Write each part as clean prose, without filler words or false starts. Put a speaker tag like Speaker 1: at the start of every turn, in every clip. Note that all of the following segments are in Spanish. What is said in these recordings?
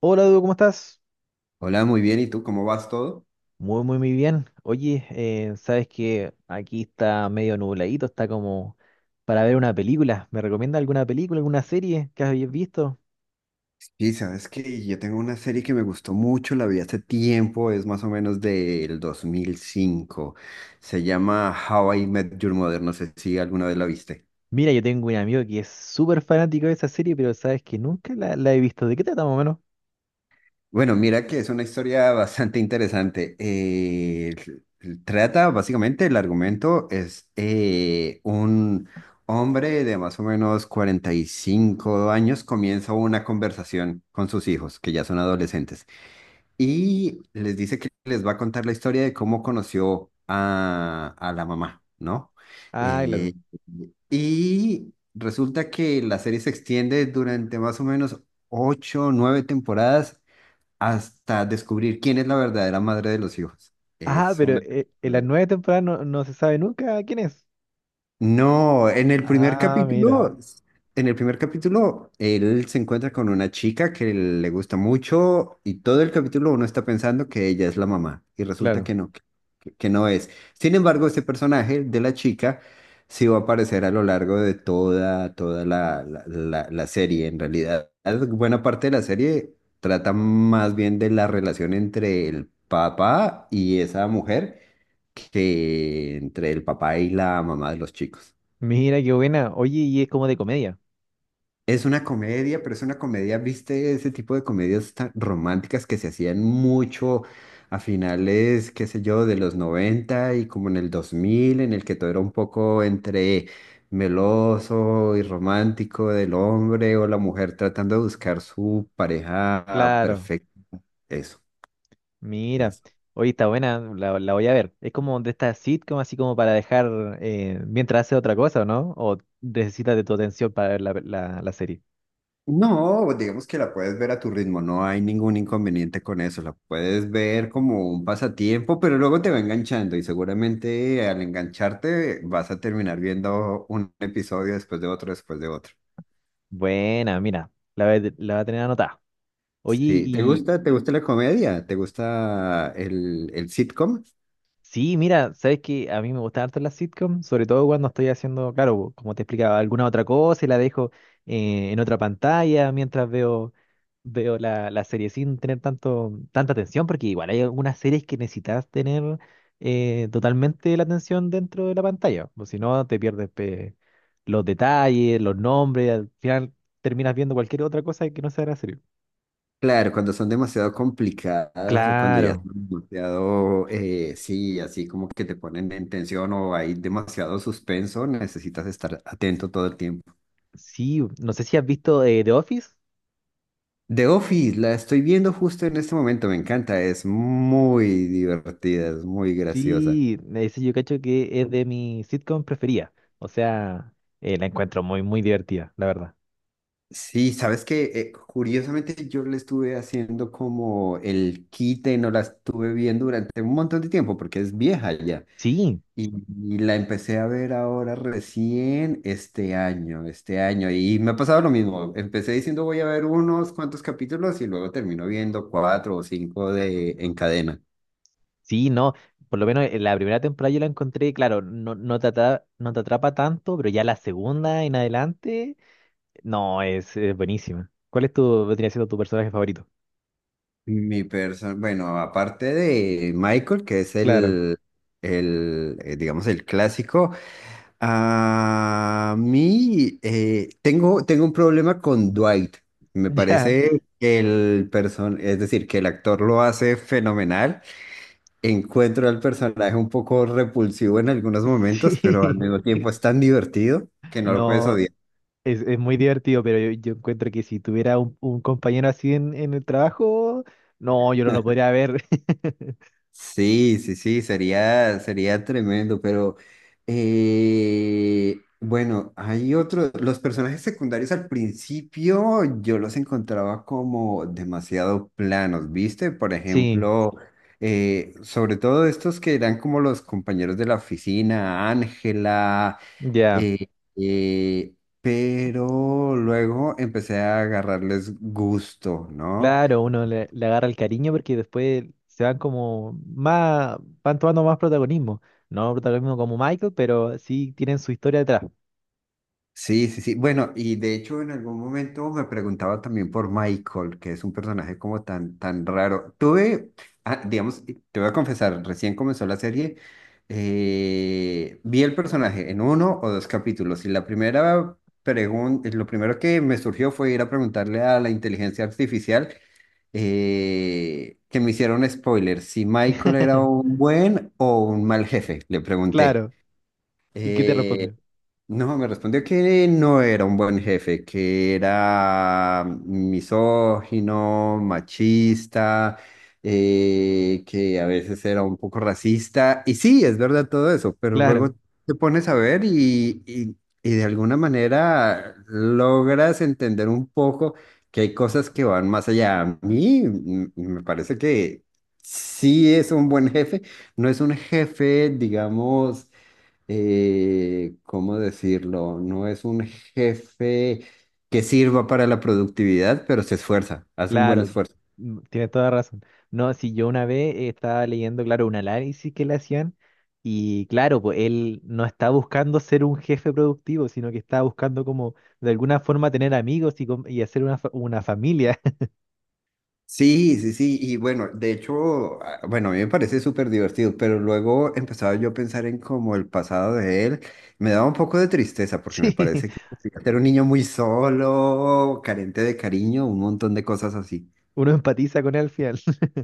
Speaker 1: Hola, Dudu, ¿cómo estás?
Speaker 2: Hola, muy bien. ¿Y tú cómo vas todo?
Speaker 1: Muy, muy, muy bien. Oye, sabes que aquí está medio nubladito, está como para ver una película. ¿Me recomienda alguna película, alguna serie que hayas visto?
Speaker 2: Sí, sabes que yo tengo una serie que me gustó mucho, la vi hace tiempo, es más o menos del 2005. Se llama How I Met Your Mother, no sé si alguna vez la viste.
Speaker 1: Mira, yo tengo un amigo que es súper fanático de esa serie, pero sabes que nunca la he visto. ¿De qué trata más o menos?
Speaker 2: Bueno, mira que es una historia bastante interesante. Trata básicamente el argumento es un hombre de más o menos 45 años comienza una conversación con sus hijos, que ya son adolescentes. Y les dice que les va a contar la historia de cómo conoció a la mamá, ¿no?
Speaker 1: Ah,
Speaker 2: Eh,
Speaker 1: claro.
Speaker 2: y resulta que la serie se extiende durante más o menos ocho o nueve temporadas hasta descubrir quién es la verdadera madre de los hijos.
Speaker 1: Ah,
Speaker 2: Es
Speaker 1: pero
Speaker 2: una.
Speaker 1: en las nueve temporadas no se sabe nunca quién es.
Speaker 2: No, en el primer
Speaker 1: Ah, mira,
Speaker 2: capítulo, él se encuentra con una chica que le gusta mucho y todo el capítulo uno está pensando que ella es la mamá y resulta
Speaker 1: claro.
Speaker 2: que no, que no es. Sin embargo, ese personaje de la chica sí va a aparecer a lo largo de toda la serie. En realidad, buena parte de la serie trata más bien de la relación entre el papá y esa mujer que entre el papá y la mamá de los chicos.
Speaker 1: Mira, qué buena. Oye, y es como de comedia.
Speaker 2: Es una comedia, pero es una comedia, ¿viste? Ese tipo de comedias tan románticas que se hacían mucho a finales, qué sé yo, de los 90 y como en el 2000 en el que todo era un poco entre meloso y romántico del hombre o la mujer tratando de buscar su pareja
Speaker 1: Claro.
Speaker 2: perfecta. Eso,
Speaker 1: Mira,
Speaker 2: eso.
Speaker 1: oye, está buena, la voy a ver. Es como de esta sitcom, así como para dejar mientras hace otra cosa, ¿o ¿no? O necesitas de tu atención para ver la serie.
Speaker 2: No, digamos que la puedes ver a tu ritmo, no hay ningún inconveniente con eso, la puedes ver como un pasatiempo, pero luego te va enganchando y seguramente al engancharte vas a terminar viendo un episodio después de otro, después de otro.
Speaker 1: Buena, mira, la, la va a tener anotada. Oye,
Speaker 2: Sí, ¿te
Speaker 1: y
Speaker 2: gusta? ¿Te gusta la comedia? ¿Te gusta el sitcom?
Speaker 1: sí, mira, sabes que a mí me gustan harto las sitcoms, sobre todo cuando estoy haciendo, claro, como te explicaba, alguna otra cosa y la dejo en otra pantalla mientras veo la serie sin tener tanta atención, porque igual hay algunas series que necesitas tener totalmente la atención dentro de la pantalla, o si no te pierdes pe, los detalles, los nombres, al final terminas viendo cualquier otra cosa que no sea la serie.
Speaker 2: Claro, cuando son demasiado complicadas o cuando ya
Speaker 1: Claro,
Speaker 2: son demasiado, sí, así como que te ponen en tensión o hay demasiado suspenso, necesitas estar atento todo el tiempo.
Speaker 1: sí, no sé si has visto The Office.
Speaker 2: The Office, la estoy viendo justo en este momento, me encanta, es muy divertida, es muy graciosa.
Speaker 1: Sí, ese yo cacho que es de mi sitcom preferida. O sea, la encuentro muy, muy divertida, la verdad.
Speaker 2: Sí, sabes que curiosamente yo le estuve haciendo como el quite, no la estuve viendo durante un montón de tiempo porque es vieja ya.
Speaker 1: Sí,
Speaker 2: Y, y la empecé a ver ahora recién este año, este año. Y me ha pasado lo mismo. Empecé diciendo voy a ver unos cuantos capítulos y luego termino viendo cuatro o cinco de en cadena.
Speaker 1: sí, no. Por lo menos en la primera temporada yo la encontré, claro, no te atrapa, no te atrapa tanto, pero ya la segunda en adelante, no, es buenísima. ¿Cuál es tu, vendría siendo tu personaje favorito?
Speaker 2: Mi persona, bueno, aparte de Michael, que es
Speaker 1: Claro.
Speaker 2: el, digamos, el clásico, a mí tengo un problema con Dwight. Me
Speaker 1: Ya,
Speaker 2: parece es decir, que el actor lo hace fenomenal. Encuentro al personaje un poco repulsivo en algunos momentos, pero al
Speaker 1: sí.
Speaker 2: mismo tiempo es tan divertido que no lo puedes
Speaker 1: No,
Speaker 2: odiar.
Speaker 1: es muy divertido, pero yo encuentro que si tuviera un compañero así en el trabajo, no, yo no lo podría ver.
Speaker 2: Sí, sí, sí, sería tremendo, pero bueno, hay otros, los personajes secundarios al principio yo los encontraba como demasiado planos, ¿viste? Por
Speaker 1: Sí,
Speaker 2: ejemplo, sobre todo estos que eran como los compañeros de la oficina, Ángela,
Speaker 1: ya,
Speaker 2: eh, eh, pero luego empecé a agarrarles gusto, ¿no?
Speaker 1: claro, uno le, le agarra el cariño porque después se van como más, van tomando más protagonismo. No protagonismo como Michael, pero sí tienen su historia detrás.
Speaker 2: Sí, sí, sí. Bueno, y de hecho en algún momento me preguntaba también por Michael, que es un personaje como tan, tan raro. Digamos, te voy a confesar, recién comenzó la serie, vi el personaje en uno o dos capítulos y la primera pregunta, lo primero que me surgió fue ir a preguntarle a la inteligencia artificial que me hicieron spoiler, si Michael era un buen o un mal jefe, le pregunté.
Speaker 1: Claro, ¿y qué te
Speaker 2: Eh,
Speaker 1: respondió?
Speaker 2: no, me respondió que no era un buen jefe, que era misógino, machista, que a veces era un poco racista. Y sí, es verdad todo eso, pero luego
Speaker 1: Claro,
Speaker 2: te pones a ver y de alguna manera logras entender un poco que hay cosas que van más allá. A mí me parece que sí es un buen jefe, no es un jefe, digamos ¿cómo decirlo? No es un jefe que sirva para la productividad, pero se esfuerza, hace un buen
Speaker 1: claro,
Speaker 2: esfuerzo.
Speaker 1: mm, tienes toda razón. No, si yo una vez estaba leyendo, claro, un análisis que le hacían y claro, pues él no está buscando ser un jefe productivo, sino que está buscando como de alguna forma tener amigos y, y hacer una, una familia.
Speaker 2: Sí, sí, sí, y bueno, de hecho, bueno, a mí me parece súper divertido, pero luego empezaba yo a pensar en como el pasado de él, me daba un poco de tristeza porque me
Speaker 1: Sí.
Speaker 2: parece que era un niño muy solo, carente de cariño, un montón de cosas así.
Speaker 1: Uno empatiza con él al final.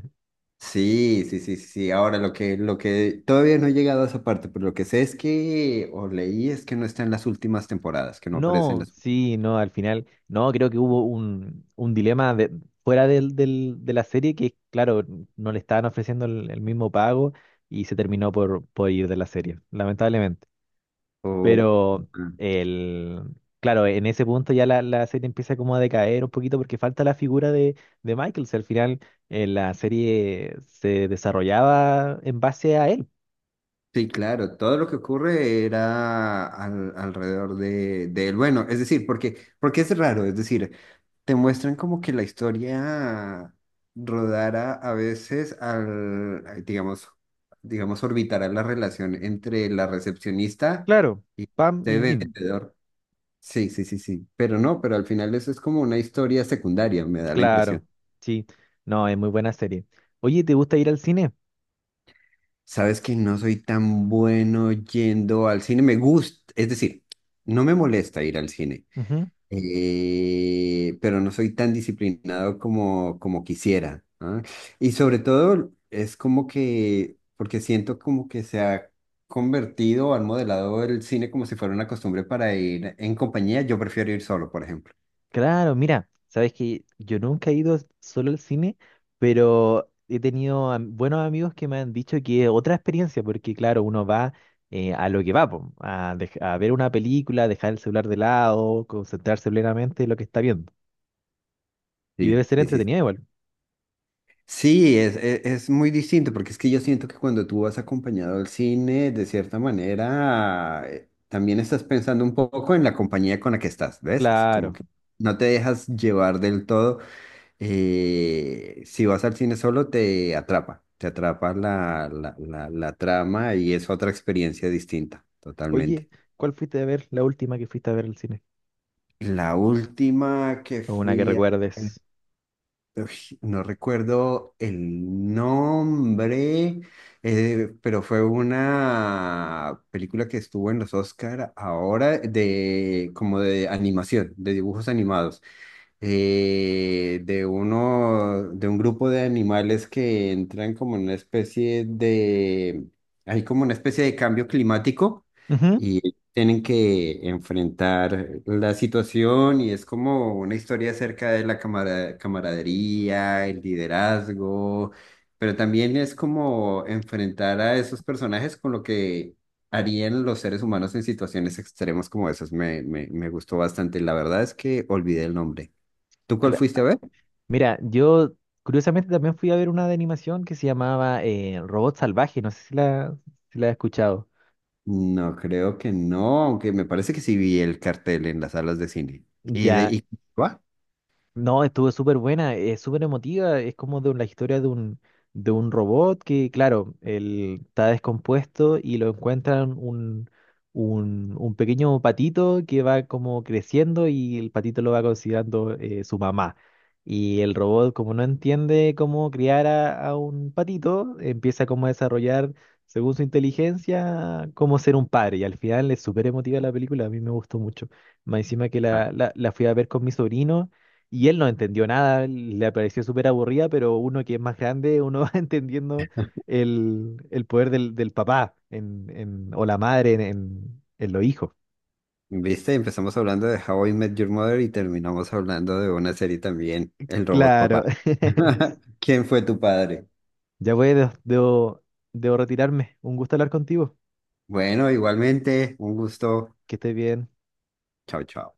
Speaker 2: Sí, sí, sí, sí. Ahora lo que todavía no he llegado a esa parte, pero lo que sé es que, o leí, es que no está en las últimas temporadas, que no aparece en
Speaker 1: No,
Speaker 2: las.
Speaker 1: sí, no, al final, no, creo que hubo un dilema fuera de la serie que, claro, no le estaban ofreciendo el mismo pago y se terminó por ir de la serie, lamentablemente.
Speaker 2: o-
Speaker 1: Pero,
Speaker 2: ah,
Speaker 1: el, claro, en ese punto ya la serie empieza como a decaer un poquito porque falta la figura de Michael. Si al final la serie se desarrollaba en base a él.
Speaker 2: Sí, claro, todo lo que ocurre era alrededor de él. Bueno, es decir, porque es raro, es decir, te muestran como que la historia rodara a veces digamos, orbitará la relación entre la recepcionista
Speaker 1: Claro,
Speaker 2: y
Speaker 1: Pam
Speaker 2: este
Speaker 1: y Jim.
Speaker 2: vendedor. Sí, sí, sí, sí. Pero no, pero al final eso es como una historia secundaria, me da la impresión.
Speaker 1: Claro, sí. No, es muy buena serie. Oye, ¿te gusta ir al cine?
Speaker 2: Sabes que no soy tan bueno yendo al cine. Me gusta, es decir, no me molesta ir al cine,
Speaker 1: Ujú.
Speaker 2: pero no soy tan disciplinado como quisiera. ¿Ah? Y sobre todo es como que, porque siento como que se ha convertido o han modelado el cine como si fuera una costumbre para ir en compañía. Yo prefiero ir solo, por ejemplo.
Speaker 1: Claro, mira, sabes que yo nunca he ido solo al cine, pero he tenido am- buenos amigos que me han dicho que es otra experiencia, porque claro, uno va a lo que va, po, a, a ver una película, dejar el celular de lado, concentrarse plenamente en lo que está viendo. Y debe
Speaker 2: Sí,
Speaker 1: ser
Speaker 2: sí, sí.
Speaker 1: entretenida igual.
Speaker 2: Sí, es muy distinto, porque es que yo siento que cuando tú vas acompañado al cine, de cierta manera, también estás pensando un poco en la compañía con la que estás, ¿ves? Es como
Speaker 1: Claro.
Speaker 2: que no te dejas llevar del todo. Si vas al cine solo, te atrapa la trama y es otra experiencia distinta, totalmente.
Speaker 1: Oye, ¿cuál fuiste a ver la última que fuiste a ver al cine?
Speaker 2: La última que
Speaker 1: O una que
Speaker 2: fui a.
Speaker 1: recuerdes.
Speaker 2: Uy, no recuerdo el nombre, pero fue una película que estuvo en los Oscar ahora de como de animación, de dibujos animados de un grupo de animales que entran como en una especie hay como una especie de cambio climático
Speaker 1: Ujú.
Speaker 2: y tienen que enfrentar la situación y es como una historia acerca de la camaradería, el liderazgo, pero también es como enfrentar a esos personajes con lo que harían los seres humanos en situaciones extremas como esas. Me gustó bastante. La verdad es que olvidé el nombre. ¿Tú cuál fuiste a ver?
Speaker 1: Mira, yo curiosamente también fui a ver una de animación que se llamaba Robot Salvaje, no sé si si la has escuchado.
Speaker 2: No, creo que no, aunque me parece que sí vi el cartel en las salas de cine. ¿Y
Speaker 1: Ya.
Speaker 2: va?
Speaker 1: No, estuvo súper buena, es súper emotiva, es como de la historia de de un robot que, claro, él está descompuesto y lo encuentran un pequeño patito que va como creciendo y el patito lo va considerando su mamá. Y el robot, como no entiende cómo criar a un patito, empieza como a desarrollar, según su inteligencia, cómo ser un padre. Y al final es súper emotiva la película, a mí me gustó mucho. Más encima que
Speaker 2: Ah,
Speaker 1: la fui a ver con mi sobrino. Y él no entendió nada, le pareció súper aburrida, pero uno que es más grande, uno va entendiendo el poder del papá o la madre en los hijos.
Speaker 2: ¿Viste? Empezamos hablando de How I Met Your Mother y terminamos hablando de una serie también, El Robot
Speaker 1: Claro.
Speaker 2: Papá. ¿Quién fue tu padre?
Speaker 1: Ya voy, debo retirarme. Un gusto hablar contigo.
Speaker 2: Bueno, igualmente, un gusto.
Speaker 1: Que estés bien.
Speaker 2: Chao, chao.